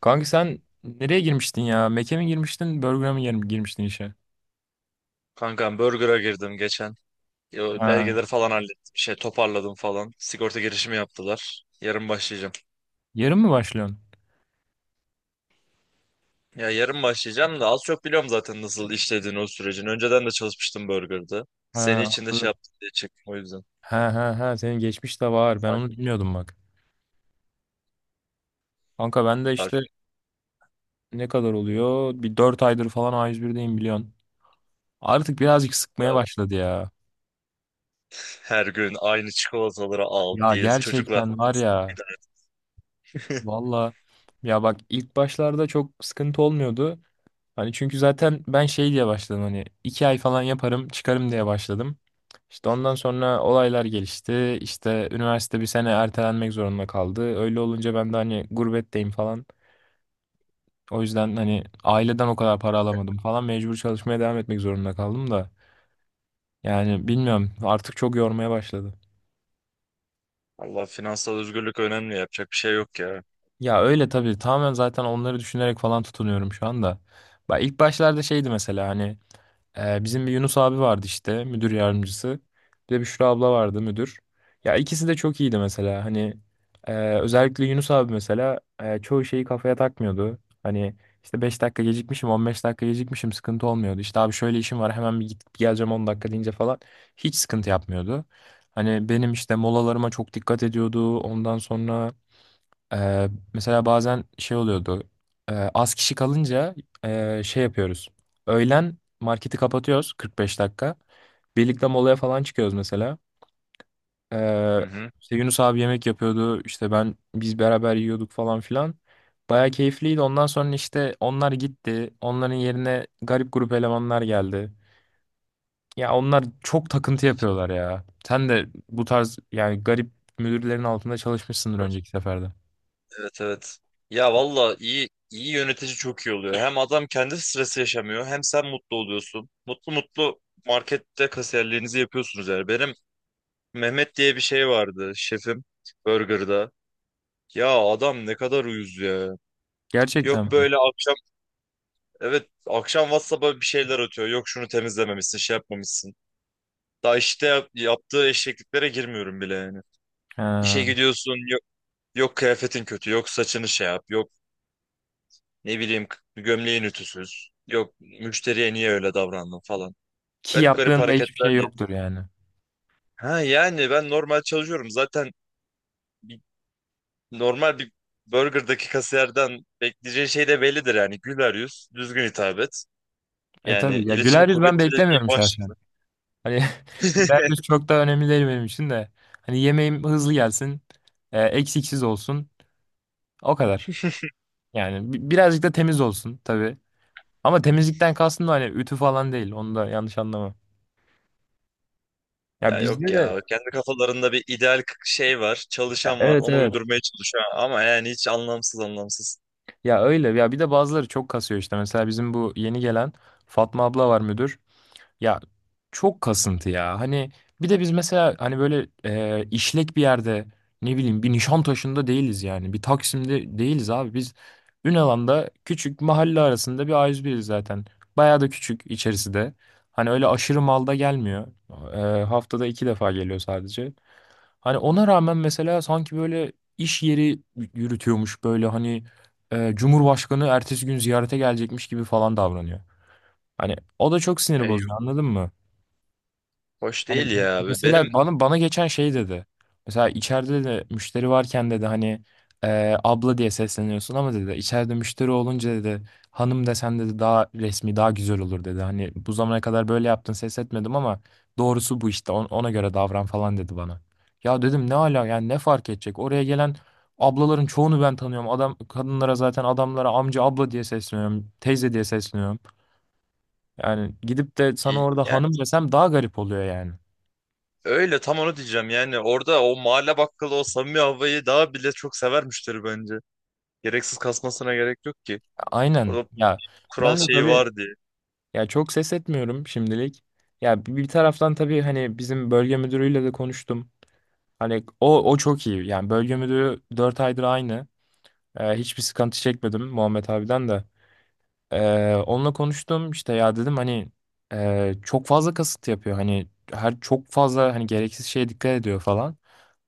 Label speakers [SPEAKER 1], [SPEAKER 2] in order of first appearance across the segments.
[SPEAKER 1] Kanka sen nereye girmiştin ya? Mac'e mi girmiştin, Burger'a mı girmiştin işe?
[SPEAKER 2] Kankam Burger'a girdim geçen. Yo,
[SPEAKER 1] Ha.
[SPEAKER 2] belgeleri falan hallettim. Şey toparladım falan. Sigorta girişimi yaptılar. Yarın başlayacağım.
[SPEAKER 1] Yarın mı başlıyorsun?
[SPEAKER 2] Ya yarın başlayacağım da az çok biliyorum zaten nasıl işlediğini o sürecin. Önceden de çalışmıştım Burger'da. Seni
[SPEAKER 1] Ha,
[SPEAKER 2] için de şey
[SPEAKER 1] anladım.
[SPEAKER 2] yaptım diye çektim o yüzden.
[SPEAKER 1] Ha, ha, ha, senin geçmiş de var. Ben onu
[SPEAKER 2] Takip-
[SPEAKER 1] bilmiyordum bak. Kanka ben de işte
[SPEAKER 2] takip
[SPEAKER 1] ne kadar oluyor? Bir 4 aydır falan A101'deyim biliyorsun. Artık birazcık sıkmaya
[SPEAKER 2] et.
[SPEAKER 1] başladı ya.
[SPEAKER 2] Her gün aynı çikolataları al
[SPEAKER 1] Ya
[SPEAKER 2] diye çocuklar.
[SPEAKER 1] gerçekten var
[SPEAKER 2] Bir
[SPEAKER 1] ya.
[SPEAKER 2] tane.
[SPEAKER 1] Valla. Ya bak ilk başlarda çok sıkıntı olmuyordu. Hani çünkü zaten ben şey diye başladım, hani 2 ay falan yaparım çıkarım diye başladım. İşte ondan sonra olaylar gelişti. İşte üniversite bir sene ertelenmek zorunda kaldı. Öyle olunca ben de hani gurbetteyim falan. O yüzden hani aileden o kadar para alamadım falan. Mecbur çalışmaya devam etmek zorunda kaldım da. Yani bilmiyorum, artık çok yormaya başladı.
[SPEAKER 2] Allah finansal özgürlük önemli yapacak bir şey yok ya.
[SPEAKER 1] Ya öyle tabii, tamamen zaten onları düşünerek falan tutunuyorum şu anda. Bak ilk başlarda şeydi mesela, hani bizim bir Yunus abi vardı işte, müdür yardımcısı. Bir de Büşra abla vardı, müdür. Ya ikisi de çok iyiydi mesela. Hani e, özellikle Yunus abi mesela çoğu şeyi kafaya takmıyordu. Hani işte 5 dakika gecikmişim, 15 dakika gecikmişim, sıkıntı olmuyordu. İşte abi şöyle işim var, hemen bir gidip geleceğim, 10 dakika deyince falan hiç sıkıntı yapmıyordu. Hani benim işte molalarıma çok dikkat ediyordu. Ondan sonra mesela bazen şey oluyordu. Az kişi kalınca şey yapıyoruz. Öğlen marketi kapatıyoruz 45 dakika. Birlikte molaya falan çıkıyoruz mesela.
[SPEAKER 2] Hı
[SPEAKER 1] Ee,
[SPEAKER 2] hı.
[SPEAKER 1] işte Yunus abi yemek yapıyordu. İşte biz beraber yiyorduk falan filan. Baya keyifliydi. Ondan sonra işte onlar gitti. Onların yerine garip grup elemanlar geldi. Ya onlar çok takıntı
[SPEAKER 2] Kötü.
[SPEAKER 1] yapıyorlar ya. Sen de bu tarz yani garip müdürlerin altında çalışmışsındır önceki seferde.
[SPEAKER 2] Evet evet. Ya valla iyi iyi yönetici çok iyi oluyor. Hem adam kendi stresi yaşamıyor hem sen mutlu oluyorsun. Mutlu mutlu markette kasiyerliğinizi yapıyorsunuz yani. Benim Mehmet diye bir şey vardı şefim Burger'da. Ya adam ne kadar uyuz ya.
[SPEAKER 1] Gerçekten
[SPEAKER 2] Yok
[SPEAKER 1] mi?
[SPEAKER 2] böyle akşam evet akşam WhatsApp'a bir şeyler atıyor. Yok şunu temizlememişsin şey yapmamışsın. Daha işte yaptığı eşekliklere girmiyorum bile yani. İşe
[SPEAKER 1] Ha.
[SPEAKER 2] gidiyorsun yok, yok kıyafetin kötü yok saçını şey yap. Yok, ne bileyim, gömleğin ütüsüz. Yok müşteriye niye öyle davrandın falan.
[SPEAKER 1] Ki
[SPEAKER 2] Garip garip
[SPEAKER 1] yaptığında hiçbir
[SPEAKER 2] hareketler
[SPEAKER 1] şey
[SPEAKER 2] diye.
[SPEAKER 1] yoktur yani.
[SPEAKER 2] Ha yani ben normal çalışıyorum. Zaten bir- normal bir burgerdaki kasiyerden bekleyeceğin şey de bellidir yani. Güler yüz, düzgün hitap et.
[SPEAKER 1] E
[SPEAKER 2] Yani
[SPEAKER 1] tabii ya,
[SPEAKER 2] iletişimi
[SPEAKER 1] güler yüz ben
[SPEAKER 2] kuvvetli dediği
[SPEAKER 1] beklemiyorum
[SPEAKER 2] baş.
[SPEAKER 1] şahsen. Hani güler yüz çok da önemli değil benim için de. Hani yemeğim hızlı gelsin, eksiksiz olsun. O kadar. Yani birazcık da temiz olsun tabii. Ama temizlikten kastım da hani ütü falan değil. Onu da yanlış anlama. Ya
[SPEAKER 2] Ya
[SPEAKER 1] bizde
[SPEAKER 2] yok
[SPEAKER 1] de.
[SPEAKER 2] ya kendi kafalarında bir ideal şey var.
[SPEAKER 1] Ya,
[SPEAKER 2] Çalışan var.
[SPEAKER 1] evet,
[SPEAKER 2] Onu
[SPEAKER 1] evet.
[SPEAKER 2] uydurmaya çalışıyor ama yani hiç anlamsız anlamsız.
[SPEAKER 1] Ya öyle. Ya bir de bazıları çok kasıyor işte. Mesela bizim bu yeni gelen Fatma abla var, müdür. Ya çok kasıntı ya. Hani bir de biz mesela hani böyle işlek bir yerde, ne bileyim, bir Nişantaşı'nda değiliz yani. Bir Taksim'de değiliz abi. Biz Ünalan'da küçük mahalle arasında bir A101'iz zaten. Bayağı da küçük, içerisi de. Hani öyle aşırı malda gelmiyor. Haftada 2 defa geliyor sadece. Hani ona rağmen mesela sanki böyle iş yeri yürütüyormuş, böyle hani Cumhurbaşkanı ertesi gün ziyarete gelecekmiş gibi falan davranıyor. Hani o da çok
[SPEAKER 2] Ya
[SPEAKER 1] sinir
[SPEAKER 2] yok,
[SPEAKER 1] bozucu, anladın mı?
[SPEAKER 2] hoş
[SPEAKER 1] Hani
[SPEAKER 2] değil ya. Benim
[SPEAKER 1] mesela bana geçen şey dedi. Mesela içeride de müşteri varken dedi hani abla diye sesleniyorsun ama dedi, içeride müşteri olunca dedi hanım desen dedi daha resmi daha güzel olur dedi. Hani bu zamana kadar böyle yaptın ses etmedim ama doğrusu bu, işte ona göre davran falan dedi bana. Ya dedim ne ala yani, ne fark edecek? Oraya gelen ablaların çoğunu ben tanıyorum. Adam kadınlara, zaten adamlara amca abla diye sesleniyorum, teyze diye sesleniyorum. Yani gidip de sana orada
[SPEAKER 2] yani
[SPEAKER 1] hanım desem daha garip oluyor yani.
[SPEAKER 2] öyle tam onu diyeceğim yani orada o mahalle bakkalı o samimi havayı daha bile çok sever müşteri bence. Gereksiz kasmasına gerek yok ki.
[SPEAKER 1] Aynen.
[SPEAKER 2] Orada
[SPEAKER 1] Ya
[SPEAKER 2] kural
[SPEAKER 1] ben de
[SPEAKER 2] şeyi
[SPEAKER 1] tabii
[SPEAKER 2] var diye.
[SPEAKER 1] ya çok ses etmiyorum şimdilik. Ya bir taraftan tabii hani bizim bölge müdürüyle de konuştum. Hani o çok iyi. Yani bölge müdürü 4 aydır aynı. Hiçbir sıkıntı çekmedim Muhammed abiden de. Onunla konuştum işte, ya dedim hani çok fazla kasıt yapıyor, hani her çok fazla hani gereksiz şeye dikkat ediyor falan.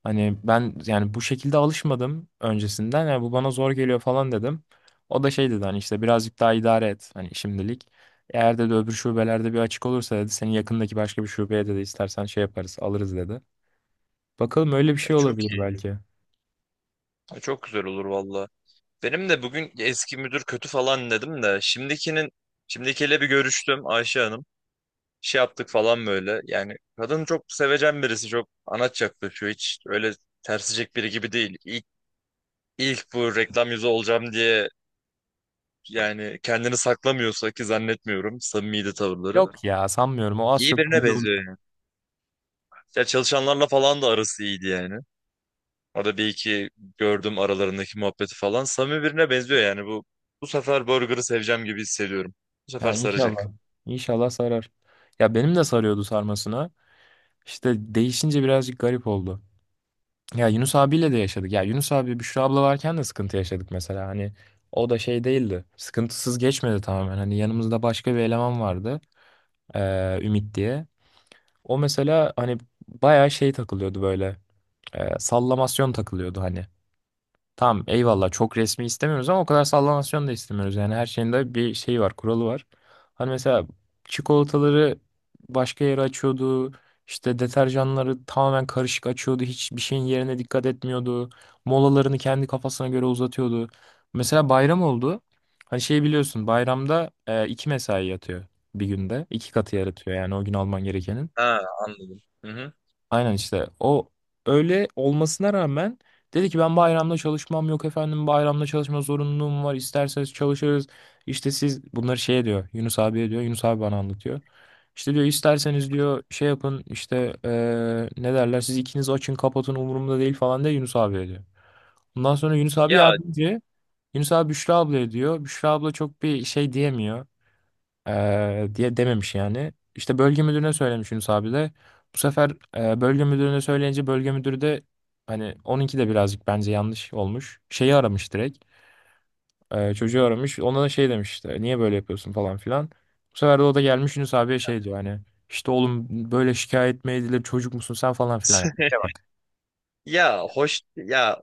[SPEAKER 1] Hani ben yani bu şekilde alışmadım öncesinden, yani bu bana zor geliyor falan dedim. O da şey dedi, hani işte birazcık daha idare et hani şimdilik. Eğer dedi öbür şubelerde bir açık olursa dedi seni yakındaki başka bir şubeye dedi istersen şey yaparız, alırız dedi. Bakalım, öyle bir
[SPEAKER 2] E,
[SPEAKER 1] şey
[SPEAKER 2] çok
[SPEAKER 1] olabilir
[SPEAKER 2] iyi.
[SPEAKER 1] belki.
[SPEAKER 2] E, çok güzel olur valla. Benim de bugün eski müdür kötü falan dedim de şimdikiyle bir görüştüm Ayşe Hanım. Şey yaptık falan böyle. Yani kadın çok sevecen birisi çok anaç yaklaşıyor. Hiç öyle tersicek biri gibi değil. İlk bu reklam yüzü olacağım diye yani kendini saklamıyorsa ki zannetmiyorum samimiydi tavırları.
[SPEAKER 1] Yok ya sanmıyorum, o az
[SPEAKER 2] İyi
[SPEAKER 1] çok
[SPEAKER 2] birine
[SPEAKER 1] belli.
[SPEAKER 2] benziyor yani. Ya çalışanlarla falan da arası iyiydi yani. Orada bir iki gördüm aralarındaki muhabbeti falan. Samimi birine benziyor yani bu. Bu sefer Burger'ı seveceğim gibi hissediyorum. Bu sefer
[SPEAKER 1] Ya
[SPEAKER 2] saracak.
[SPEAKER 1] inşallah. İnşallah sarar. Ya benim de sarıyordu sarmasına. İşte değişince birazcık garip oldu. Ya Yunus abiyle de yaşadık. Ya Yunus abi Büşra abla varken de sıkıntı yaşadık mesela. Hani o da şey değildi. Sıkıntısız geçmedi tamamen. Hani yanımızda başka bir eleman vardı. Ümit diye. O mesela hani bayağı şey takılıyordu böyle. Sallamasyon takılıyordu hani. Tamam eyvallah, çok resmi istemiyoruz ama o kadar sallamasyon da istemiyoruz. Yani her şeyin de bir şeyi var, kuralı var. Hani mesela çikolataları başka yere açıyordu. İşte deterjanları tamamen karışık açıyordu. Hiçbir şeyin yerine dikkat etmiyordu. Molalarını kendi kafasına göre uzatıyordu. Mesela bayram oldu. Hani şey biliyorsun, bayramda 2 mesai yatıyor bir günde. 2 katı yaratıyor yani o gün alman gerekenin.
[SPEAKER 2] Ha, anladım. Hı hı.
[SPEAKER 1] Aynen işte o, öyle olmasına rağmen dedi ki ben bayramda çalışmam, yok efendim bayramda çalışma zorunluluğum var, isterseniz çalışırız. İşte siz bunları şey diyor Yunus abiye, diyor Yunus abi bana anlatıyor. İşte diyor isterseniz diyor şey yapın işte ne derler, siz ikiniz açın kapatın umurumda değil falan diye Yunus abiye diyor. Ondan sonra
[SPEAKER 2] Ya
[SPEAKER 1] Yunus abi Büşra ablaya diyor, Büşra abla çok bir şey diyemiyor. Diye dememiş yani. İşte bölge müdürüne söylemiş Yunus abi de. Bu sefer bölge müdürüne söyleyince bölge müdürü de, hani onunki de birazcık bence yanlış olmuş. Şeyi aramış direkt. Çocuğu aramış. Ona da şey demiş işte, niye böyle yapıyorsun falan filan. Bu sefer de o da gelmiş Yunus abiye şey diyor, hani işte oğlum böyle şikayet mi edilir, çocuk musun sen falan filan. Yani İşe bak.
[SPEAKER 2] ya hoş ya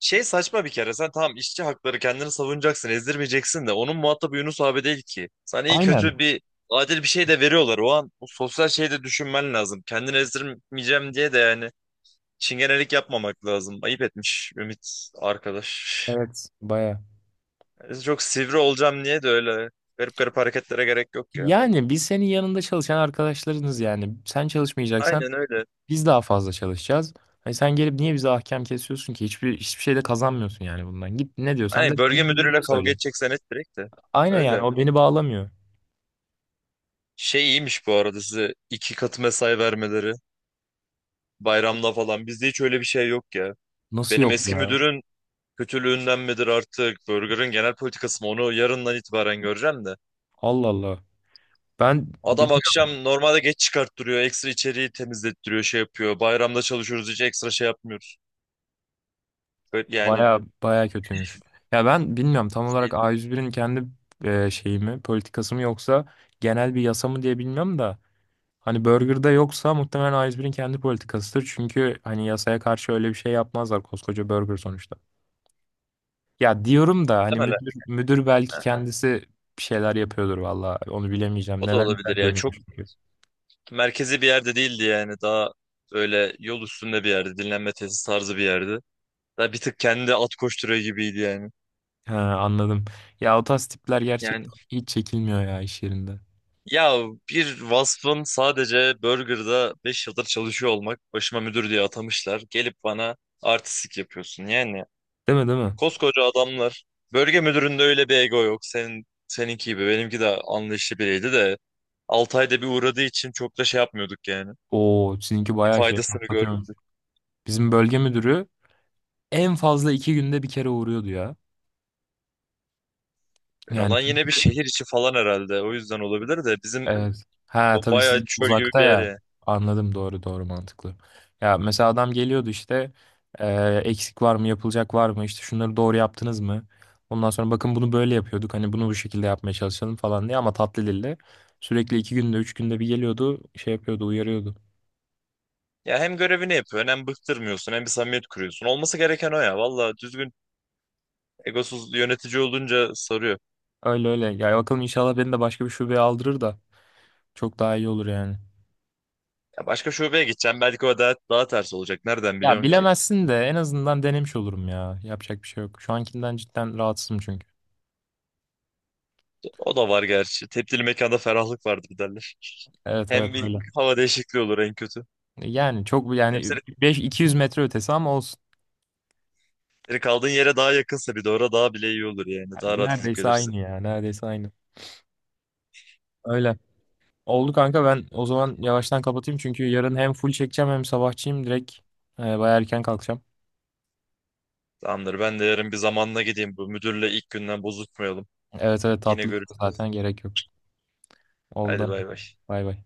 [SPEAKER 2] şey saçma bir kere, sen tamam işçi hakları kendini savunacaksın ezdirmeyeceksin de onun muhatabı Yunus abi değil ki. Sana iyi kötü
[SPEAKER 1] Aynen.
[SPEAKER 2] bir adil bir şey de veriyorlar o an, bu sosyal şeyi de düşünmen lazım. Kendini ezdirmeyeceğim diye de yani çingenelik yapmamak lazım. Ayıp etmiş Ümit arkadaş.
[SPEAKER 1] Evet. Baya.
[SPEAKER 2] Biz çok sivri olacağım niye de öyle. Garip garip hareketlere gerek yok ya.
[SPEAKER 1] Yani biz senin yanında çalışan arkadaşlarınız yani. Sen çalışmayacaksan
[SPEAKER 2] Aynen öyle.
[SPEAKER 1] biz daha fazla çalışacağız. Hani sen gelip niye bize ahkam kesiyorsun ki? Hiçbir şey de kazanmıyorsun yani bundan. Git ne diyorsan da
[SPEAKER 2] Aynen, bölge
[SPEAKER 1] böyle
[SPEAKER 2] müdürüyle
[SPEAKER 1] birilerine
[SPEAKER 2] kavga
[SPEAKER 1] söyle.
[SPEAKER 2] edeceksen et direkt de.
[SPEAKER 1] Aynen, yani
[SPEAKER 2] Öyle.
[SPEAKER 1] o beni bağlamıyor.
[SPEAKER 2] Şey iyiymiş bu arada size iki katı mesai vermeleri. Bayramda falan. Bizde hiç öyle bir şey yok ya.
[SPEAKER 1] Nasıl
[SPEAKER 2] Benim
[SPEAKER 1] yok
[SPEAKER 2] eski
[SPEAKER 1] ya?
[SPEAKER 2] müdürün kötülüğünden midir artık? Burger'ın genel politikası mı? Onu yarından itibaren göreceğim de.
[SPEAKER 1] Allah Allah. Ben
[SPEAKER 2] Adam
[SPEAKER 1] bilmiyorum,
[SPEAKER 2] akşam normalde geç çıkarttırıyor. Ekstra içeriği temizlettiriyor, şey yapıyor. Bayramda çalışıyoruz hiç ekstra şey yapmıyor. Böyle yani
[SPEAKER 1] baya baya kötüymüş. Ya ben bilmiyorum tam
[SPEAKER 2] şey,
[SPEAKER 1] olarak A101'in kendi şeyi mi, politikası mı, yoksa genel bir yasa mı diye bilmiyorum da. Hani Burger'da yoksa muhtemelen A101'in kendi politikasıdır. Çünkü hani yasaya karşı öyle bir şey yapmazlar koskoca Burger sonuçta. Ya diyorum da hani
[SPEAKER 2] muhtemelen,
[SPEAKER 1] müdür belki
[SPEAKER 2] ha,
[SPEAKER 1] kendisi bir şeyler yapıyordur valla. Onu bilemeyeceğim.
[SPEAKER 2] o da
[SPEAKER 1] Neler
[SPEAKER 2] olabilir
[SPEAKER 1] neler
[SPEAKER 2] ya. Çok
[SPEAKER 1] dönüyormuş çünkü.
[SPEAKER 2] merkezi bir yerde değildi yani. Daha böyle yol üstünde bir yerde. Dinlenme tesis tarzı bir yerde. Daha bir tık kendi at koşturuyor gibiydi yani.
[SPEAKER 1] Ha, anladım. Ya o tarz tipler
[SPEAKER 2] Yani
[SPEAKER 1] gerçekten hiç çekilmiyor ya iş yerinde.
[SPEAKER 2] ya bir vasfın sadece burgerda 5 yıldır çalışıyor olmak, başıma müdür diye atamışlar. Gelip bana artistik yapıyorsun. Yani
[SPEAKER 1] Değil mi, değil mi?
[SPEAKER 2] koskoca adamlar, bölge müdüründe öyle bir ego yok. Senin seninki gibi benimki de anlayışlı biriydi de 6 ayda bir uğradığı için çok da şey yapmıyorduk yani.
[SPEAKER 1] Oo sizinki bayağı şey
[SPEAKER 2] Faydasını
[SPEAKER 1] patlatıyormuş.
[SPEAKER 2] görmedim.
[SPEAKER 1] Bizim bölge müdürü en fazla 2 günde bir kere uğruyordu ya.
[SPEAKER 2] Yani
[SPEAKER 1] Yani.
[SPEAKER 2] olan yine bir şehir içi falan herhalde. O yüzden olabilir de, bizim
[SPEAKER 1] Evet. Ha tabii, siz
[SPEAKER 2] bayağı çöl gibi
[SPEAKER 1] uzakta
[SPEAKER 2] bir yer
[SPEAKER 1] ya.
[SPEAKER 2] ya.
[SPEAKER 1] Anladım, doğru doğru, mantıklı. Ya mesela adam geliyordu işte, e, eksik var mı, yapılacak var mı, işte şunları doğru yaptınız mı? Ondan sonra bakın bunu böyle yapıyorduk, hani bunu bu şekilde yapmaya çalışalım falan diye, ama tatlı dille. Sürekli 2 günde 3 günde bir geliyordu, şey yapıyordu, uyarıyordu.
[SPEAKER 2] Ya hem görevini yapıyorsun hem bıktırmıyorsun hem bir samimiyet kuruyorsun. Olması gereken o ya. Valla düzgün egosuz yönetici olunca sarıyor.
[SPEAKER 1] Öyle öyle ya, bakalım inşallah beni de başka bir şubeye aldırır da çok daha iyi olur yani.
[SPEAKER 2] Ya başka şubeye gideceğim. Belki o daha ters olacak. Nereden
[SPEAKER 1] Ya
[SPEAKER 2] biliyorsun ki?
[SPEAKER 1] bilemezsin de en azından denemiş olurum, ya yapacak bir şey yok. Şu ankinden cidden rahatsızım çünkü.
[SPEAKER 2] O da var gerçi. Tebdili mekanda ferahlık vardır derler.
[SPEAKER 1] Evet evet,
[SPEAKER 2] Hem bir
[SPEAKER 1] öyle.
[SPEAKER 2] hava değişikliği olur en kötü.
[SPEAKER 1] Yani çok,
[SPEAKER 2] Hem
[SPEAKER 1] yani
[SPEAKER 2] senin,
[SPEAKER 1] 5.200 metre ötesi ama olsun.
[SPEAKER 2] senin kaldığın yere daha yakınsa bir de orada daha bile iyi olur yani. Daha
[SPEAKER 1] Yani
[SPEAKER 2] rahat gidip
[SPEAKER 1] neredeyse
[SPEAKER 2] gelirsin.
[SPEAKER 1] aynı ya. Neredeyse aynı. Öyle. Oldu kanka, ben o zaman yavaştan kapatayım çünkü yarın hem full çekeceğim hem sabahçıyım direkt. Bayağı erken kalkacağım.
[SPEAKER 2] Tamamdır. Ben de yarın bir zamanla gideyim. Bu müdürle ilk günden bozuşmayalım.
[SPEAKER 1] Evet evet,
[SPEAKER 2] Yine
[SPEAKER 1] tatlı
[SPEAKER 2] görüşürüz.
[SPEAKER 1] zaten, gerek yok.
[SPEAKER 2] Hadi
[SPEAKER 1] Oldu.
[SPEAKER 2] bay bay.
[SPEAKER 1] Bay bay.